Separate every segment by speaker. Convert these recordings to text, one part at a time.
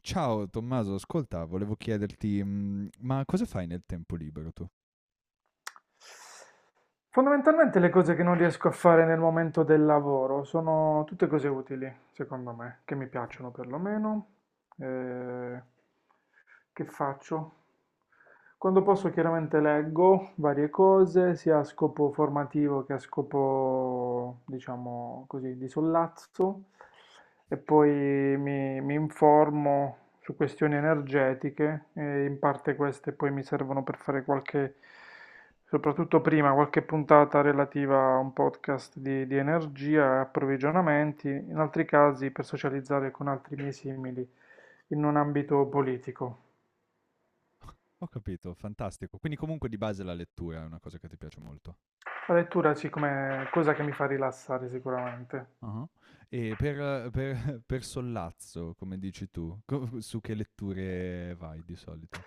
Speaker 1: Ciao Tommaso, ascolta, volevo chiederti, ma cosa fai nel tempo libero tu?
Speaker 2: Fondamentalmente le cose che non riesco a fare nel momento del lavoro sono tutte cose utili, secondo me, che mi piacciono perlomeno. eh, che faccio? Quando posso chiaramente leggo varie cose, sia a scopo formativo che a scopo, diciamo così, di sollazzo, e poi mi informo su questioni energetiche, e in parte queste poi mi servono per fare qualche, soprattutto prima, qualche puntata relativa a un podcast di energia e approvvigionamenti, in altri casi per socializzare con altri miei simili in un ambito politico.
Speaker 1: Ho capito, fantastico. Quindi comunque di base la lettura è una cosa che ti piace molto.
Speaker 2: La lettura sì, come cosa che mi fa rilassare sicuramente.
Speaker 1: Ah. E per sollazzo, come dici tu, su che letture vai di solito?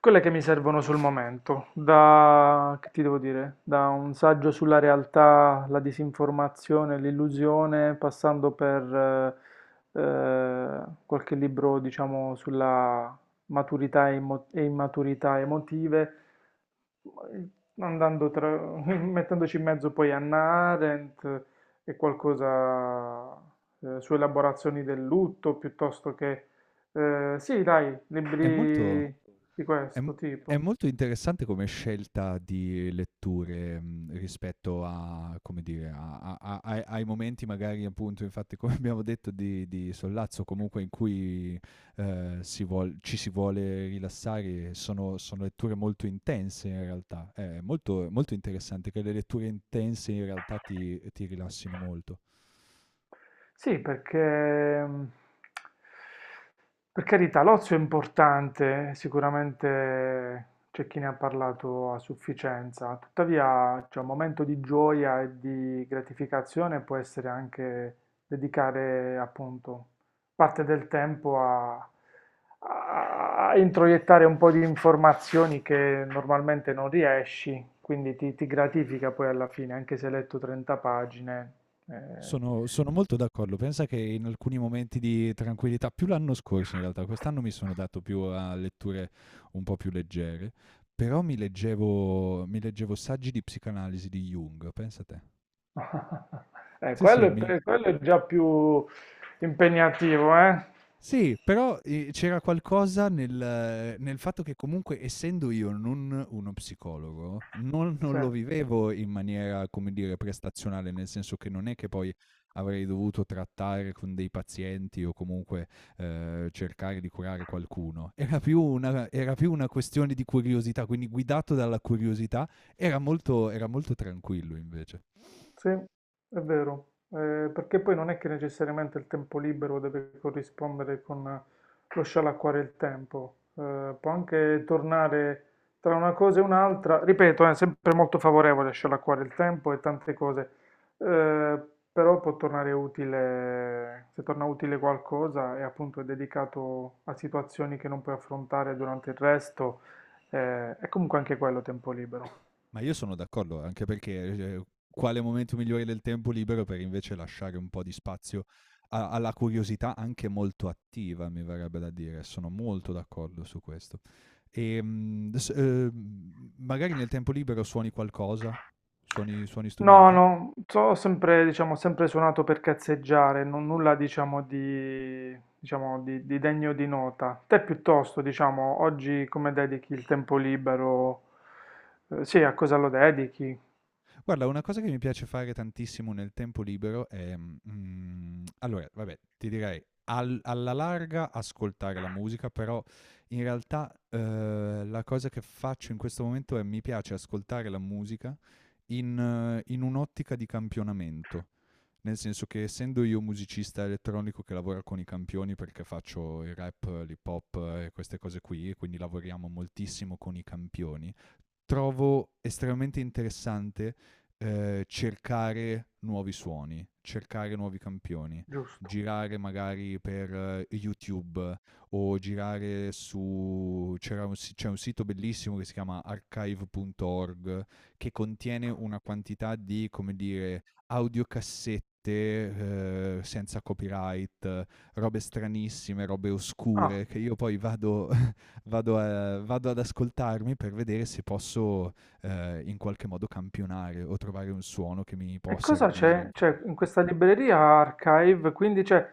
Speaker 2: Quelle che mi servono sul momento, da, che ti devo dire, da un saggio sulla realtà, la disinformazione, l'illusione, passando per eh, eh, qualche libro, diciamo, sulla maturità e, e immaturità emotive, andando tra, mettendoci in mezzo poi Anna Arendt e qualcosa su elaborazioni del lutto, piuttosto che... sì, dai,
Speaker 1: È molto...
Speaker 2: libri di
Speaker 1: È m
Speaker 2: questo
Speaker 1: è
Speaker 2: tipo?
Speaker 1: molto interessante come scelta di letture, mhmm, rispetto a come dire, a a a ai ai momenti magari appunto, infatti come abbiamo detto di sollazzo, comunque in cui, si vuol ci si vuole rilassare, sono letture molto intense in realtà. È molto molto interessante che le letture intense in realtà ti rilassino molto.
Speaker 2: Sì, perché mh, per carità l'ozio è importante, sicuramente c'è chi ne ha parlato a sufficienza, tuttavia c'è un momento di gioia e di gratificazione può essere anche dedicare appunto parte del tempo a, a introiettare un po' di informazioni che normalmente non riesci, quindi ti gratifica poi alla fine, anche se hai letto 30 pagine. eh,
Speaker 1: Sono molto d'accordo. Pensa che in alcuni momenti di tranquillità, più l'anno scorso in realtà, quest'anno mi sono dato più a letture un po' più leggere, però mi leggevo saggi di psicanalisi di Jung, pensa te. Sì,
Speaker 2: Quello,
Speaker 1: sì,
Speaker 2: è
Speaker 1: mi,
Speaker 2: quello è già più impegnativo, eh?
Speaker 1: Sì, però, c'era qualcosa nel fatto che comunque essendo io non uno psicologo, non
Speaker 2: Sì.
Speaker 1: lo vivevo in maniera, come dire, prestazionale, nel senso che non è che poi avrei dovuto trattare con dei pazienti o comunque, cercare di curare qualcuno. Era più una questione di curiosità, quindi guidato dalla curiosità era molto tranquillo invece.
Speaker 2: Sì, è vero, perché poi non è che necessariamente il tempo libero deve corrispondere con lo scialacquare il tempo, può anche tornare tra una cosa e un'altra, ripeto, è sempre molto favorevole a scialacquare il tempo e tante cose, eh, però può tornare utile, se torna utile qualcosa e appunto è dedicato a situazioni che non puoi affrontare durante il resto, è comunque anche quello tempo libero.
Speaker 1: Ma io sono d'accordo, anche perché quale momento migliore del tempo libero per invece lasciare un po' di spazio alla curiosità anche molto attiva, mi verrebbe da dire. Sono molto d'accordo su questo. E, adesso, magari nel tempo libero suoni qualcosa, suoni
Speaker 2: No,
Speaker 1: strumenti.
Speaker 2: no, ho sempre, diciamo, sempre suonato per cazzeggiare, non nulla, diciamo, di degno di nota. Te piuttosto, diciamo, oggi come dedichi il tempo libero? Sì, a cosa lo dedichi?
Speaker 1: Guarda, una cosa che mi piace fare tantissimo nel tempo libero è... allora, vabbè, ti direi alla larga ascoltare la musica, però in realtà la cosa che faccio in questo momento è mi piace ascoltare la musica in, in un'ottica di campionamento. Nel senso che essendo io musicista elettronico che lavora con i campioni perché faccio il rap, l'hip hop e queste cose qui, e quindi lavoriamo moltissimo con i campioni, trovo estremamente interessante cercare nuovi suoni, cercare nuovi campioni,
Speaker 2: Giusto.
Speaker 1: girare magari per YouTube o girare su... c'è un sito bellissimo che si chiama archive.org, che contiene una quantità di, come dire, audiocassette, senza copyright, robe stranissime, robe
Speaker 2: Ah,
Speaker 1: oscure che io poi vado vado ad ascoltarmi per vedere se posso in qualche modo campionare o trovare un suono che mi può
Speaker 2: e cosa
Speaker 1: servire
Speaker 2: c'è?
Speaker 1: in
Speaker 2: C'è
Speaker 1: futuro.
Speaker 2: in questa libreria Archive, quindi c'è,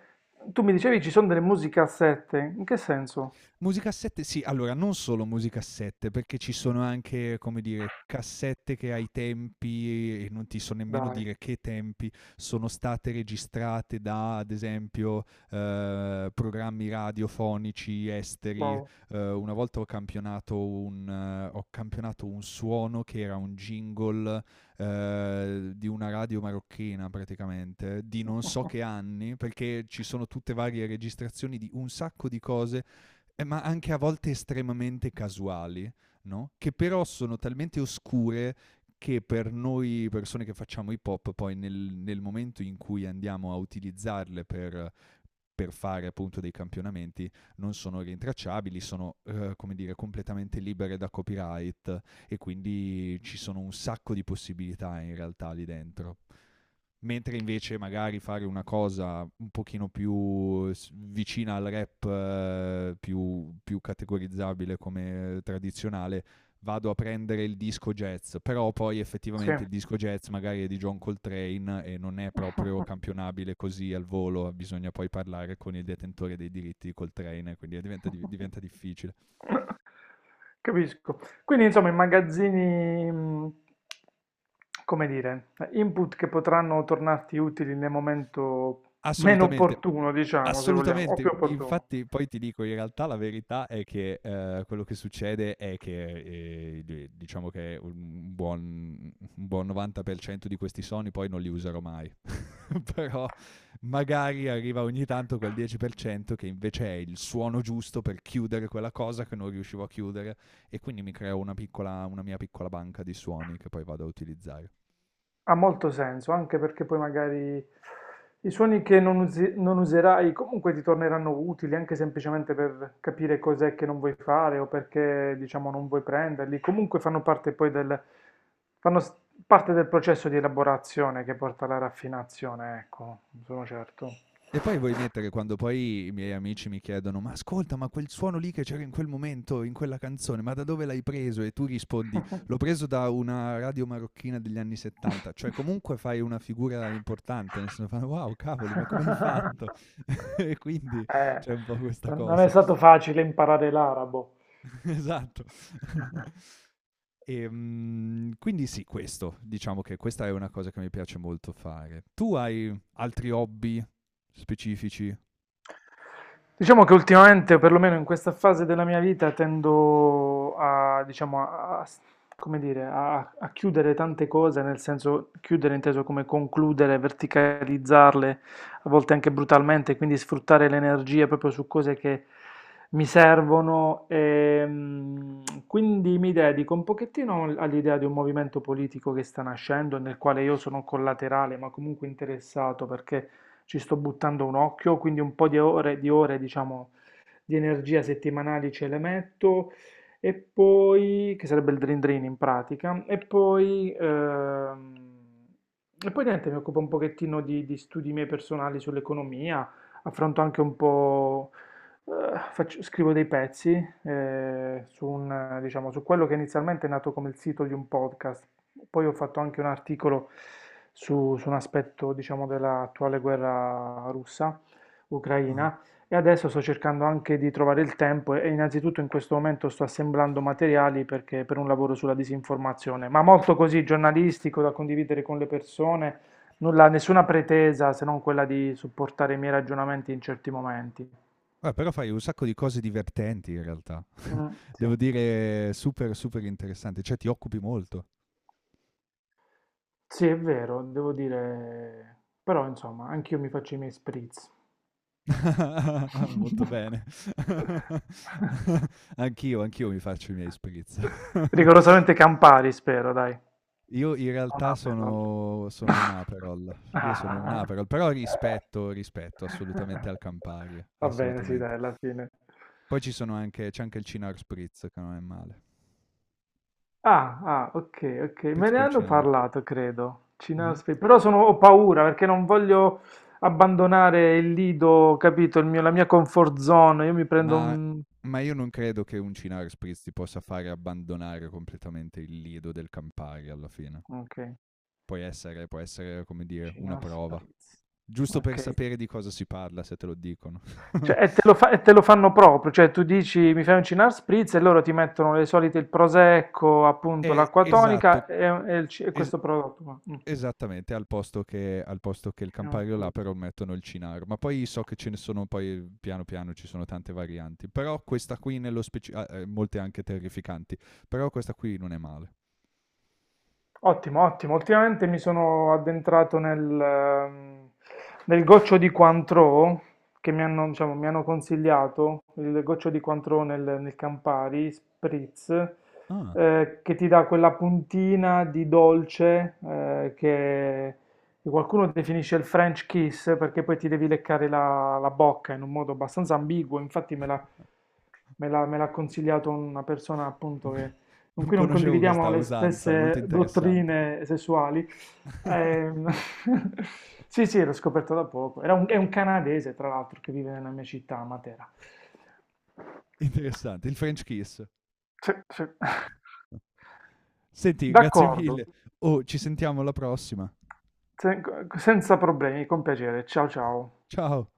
Speaker 2: tu mi dicevi ci sono delle musicassette, in che senso?
Speaker 1: Musicassette, sì, allora non solo musicassette, perché ci sono anche, come dire, cassette che ai tempi, e non ti so nemmeno
Speaker 2: Dai,
Speaker 1: dire che tempi, sono state registrate da, ad esempio, programmi radiofonici esteri.
Speaker 2: wow,
Speaker 1: Una volta ho campionato ho campionato un suono che era un jingle di una radio marocchina praticamente, di non so che anni, perché ci sono tutte varie registrazioni di un sacco di cose, ma anche a volte estremamente casuali, no? Che però sono talmente oscure che per noi persone che facciamo hip hop, poi nel momento in cui andiamo a utilizzarle per fare appunto dei campionamenti non sono rintracciabili, sono come dire completamente libere da copyright e quindi ci sono un sacco di possibilità in realtà lì dentro. Mentre invece magari fare una cosa un pochino più vicina al rap, più categorizzabile come tradizionale, vado a prendere il disco jazz, però poi
Speaker 2: sì.
Speaker 1: effettivamente il disco jazz magari è di John Coltrane e non è proprio campionabile così al volo, bisogna poi parlare con il detentore dei diritti di Coltrane, quindi diventa difficile.
Speaker 2: Capisco. Quindi, insomma, i magazzini, come dire, input che potranno tornarti utili nel momento meno
Speaker 1: Assolutamente.
Speaker 2: opportuno, diciamo, se vogliamo, o più
Speaker 1: Assolutamente.
Speaker 2: opportuno.
Speaker 1: Infatti poi ti dico, in realtà la verità è che quello che succede è che, di diciamo che un buon 90% di questi soni poi non li userò mai, però magari arriva ogni tanto quel 10% che invece è il suono giusto per chiudere quella cosa che non riuscivo a chiudere e quindi mi creo una mia piccola banca di suoni che poi vado a utilizzare.
Speaker 2: Ha molto senso, anche perché poi magari i suoni che non, non userai comunque ti torneranno utili, anche semplicemente per capire cos'è che non vuoi fare o perché, diciamo, non vuoi prenderli. Comunque fanno parte poi del, fanno s- parte del processo di elaborazione che porta alla raffinazione, ecco, sono certo.
Speaker 1: E poi vuoi mettere quando poi i miei amici mi chiedono: Ma ascolta, ma quel suono lì che c'era in quel momento, in quella canzone, ma da dove l'hai preso? E tu rispondi: L'ho preso da una radio marocchina degli anni 70. Cioè, comunque fai una figura importante, nel senso fanno: Wow, cavoli, ma come hai fatto? e quindi
Speaker 2: Eh,
Speaker 1: c'è un po' questa
Speaker 2: non è
Speaker 1: cosa.
Speaker 2: stato facile imparare l'arabo.
Speaker 1: esatto. e quindi sì, questo, diciamo che questa è una cosa che mi piace molto fare. Tu hai altri hobby specifici?
Speaker 2: Diciamo che ultimamente, perlomeno in questa fase della mia vita, tendo a, diciamo, come dire, a, a chiudere tante cose, nel senso chiudere inteso come concludere, verticalizzarle, a volte anche brutalmente, quindi sfruttare le energie proprio su cose che mi servono. E, mm, quindi mi dedico un pochettino all'idea di un movimento politico che sta nascendo, nel quale io sono collaterale, ma comunque interessato, perché ci sto buttando un occhio, quindi un po' di ore, diciamo di energia settimanali ce le metto, e poi, che sarebbe il Dream Dream in pratica, e poi niente, mi occupo un pochettino di studi miei personali sull'economia, affronto anche un po', scrivo dei pezzi, diciamo, su quello che inizialmente è nato come il sito di un podcast, poi ho fatto anche un articolo su un aspetto, diciamo, dell'attuale guerra russa,
Speaker 1: Ah.
Speaker 2: ucraina. E adesso sto cercando anche di trovare il tempo innanzitutto in questo momento sto assemblando materiali perché, per un lavoro sulla disinformazione, ma molto così giornalistico da condividere con le persone, nulla, nessuna pretesa se non quella di supportare i miei ragionamenti in certi momenti.
Speaker 1: Però fai un sacco di cose divertenti in realtà.
Speaker 2: Mm, sì.
Speaker 1: Devo dire, super, super interessante. Cioè, ti occupi molto.
Speaker 2: Sì, è vero, devo dire, però insomma, anch'io mi faccio i miei spritz.
Speaker 1: Molto bene. anch'io, anch'io mi faccio i miei spritz.
Speaker 2: Rigorosamente Campari, spero, dai.
Speaker 1: Io in
Speaker 2: Non
Speaker 1: realtà
Speaker 2: Aperol.
Speaker 1: sono, sono un Aperol. Io sono un Aperol, però rispetto, rispetto assolutamente al Campari,
Speaker 2: Va bene, sì, dai,
Speaker 1: assolutamente.
Speaker 2: alla fine.
Speaker 1: Poi ci sono anche, c'è anche il Cinar Spritz, che non è male.
Speaker 2: Ah, ah, ok, ok. Me
Speaker 1: Spritz
Speaker 2: ne
Speaker 1: col
Speaker 2: hanno
Speaker 1: Cinar.
Speaker 2: parlato, credo. Cinar
Speaker 1: Mhm.
Speaker 2: Space. Però sono, ho paura perché non voglio abbandonare il lido, capito? La mia comfort zone. Io mi prendo
Speaker 1: Ma
Speaker 2: un...
Speaker 1: ma io non credo che un Cinare Spritz ti possa fare abbandonare completamente il lido del Campari alla fine.
Speaker 2: Ok,
Speaker 1: Può essere, come dire, una
Speaker 2: Cinar
Speaker 1: prova.
Speaker 2: Spritz.
Speaker 1: Giusto
Speaker 2: Ok.
Speaker 1: per sapere di cosa si parla, se te lo dicono.
Speaker 2: Cioè, e te lo e te lo fanno proprio, cioè tu dici mi fai un Cynar Spritz e loro ti mettono le solite, il prosecco, appunto l'acqua
Speaker 1: Esatto,
Speaker 2: tonica e il e
Speaker 1: es-
Speaker 2: questo prodotto qua. Mm,
Speaker 1: esattamente, al posto che il
Speaker 2: Cynar
Speaker 1: Campari là
Speaker 2: Spritz.
Speaker 1: però mettono il Cinaro. Ma poi so che ce ne sono, poi piano piano ci sono tante varianti. Però questa qui nello specifico, ah, molte anche terrificanti. Però questa qui non è male.
Speaker 2: Ottimo, ottimo. Ultimamente mi sono addentrato nel, nel goccio di Cointreau che mi hanno, diciamo, mi hanno consigliato, il goccio di Cointreau nel, nel Campari Spritz,
Speaker 1: Ah,
Speaker 2: che ti dà quella puntina di dolce che qualcuno definisce il French kiss perché poi ti devi leccare la, la bocca in un modo abbastanza ambiguo. Infatti me l'ha consigliato una persona appunto che
Speaker 1: ok.
Speaker 2: con
Speaker 1: Non
Speaker 2: cui non
Speaker 1: conoscevo
Speaker 2: condividiamo
Speaker 1: questa
Speaker 2: le
Speaker 1: usanza, è molto
Speaker 2: stesse
Speaker 1: interessante.
Speaker 2: dottrine sessuali. Ehm, sì, sì, l'ho scoperto da poco. Era è un canadese, tra l'altro, che vive nella mia città, a Matera.
Speaker 1: interessante, il French kiss.
Speaker 2: Sì, sì.
Speaker 1: Senti, grazie
Speaker 2: D'accordo,
Speaker 1: mille. Oh, ci sentiamo alla prossima.
Speaker 2: Sen- senza problemi, con piacere. Ciao ciao.
Speaker 1: Ciao.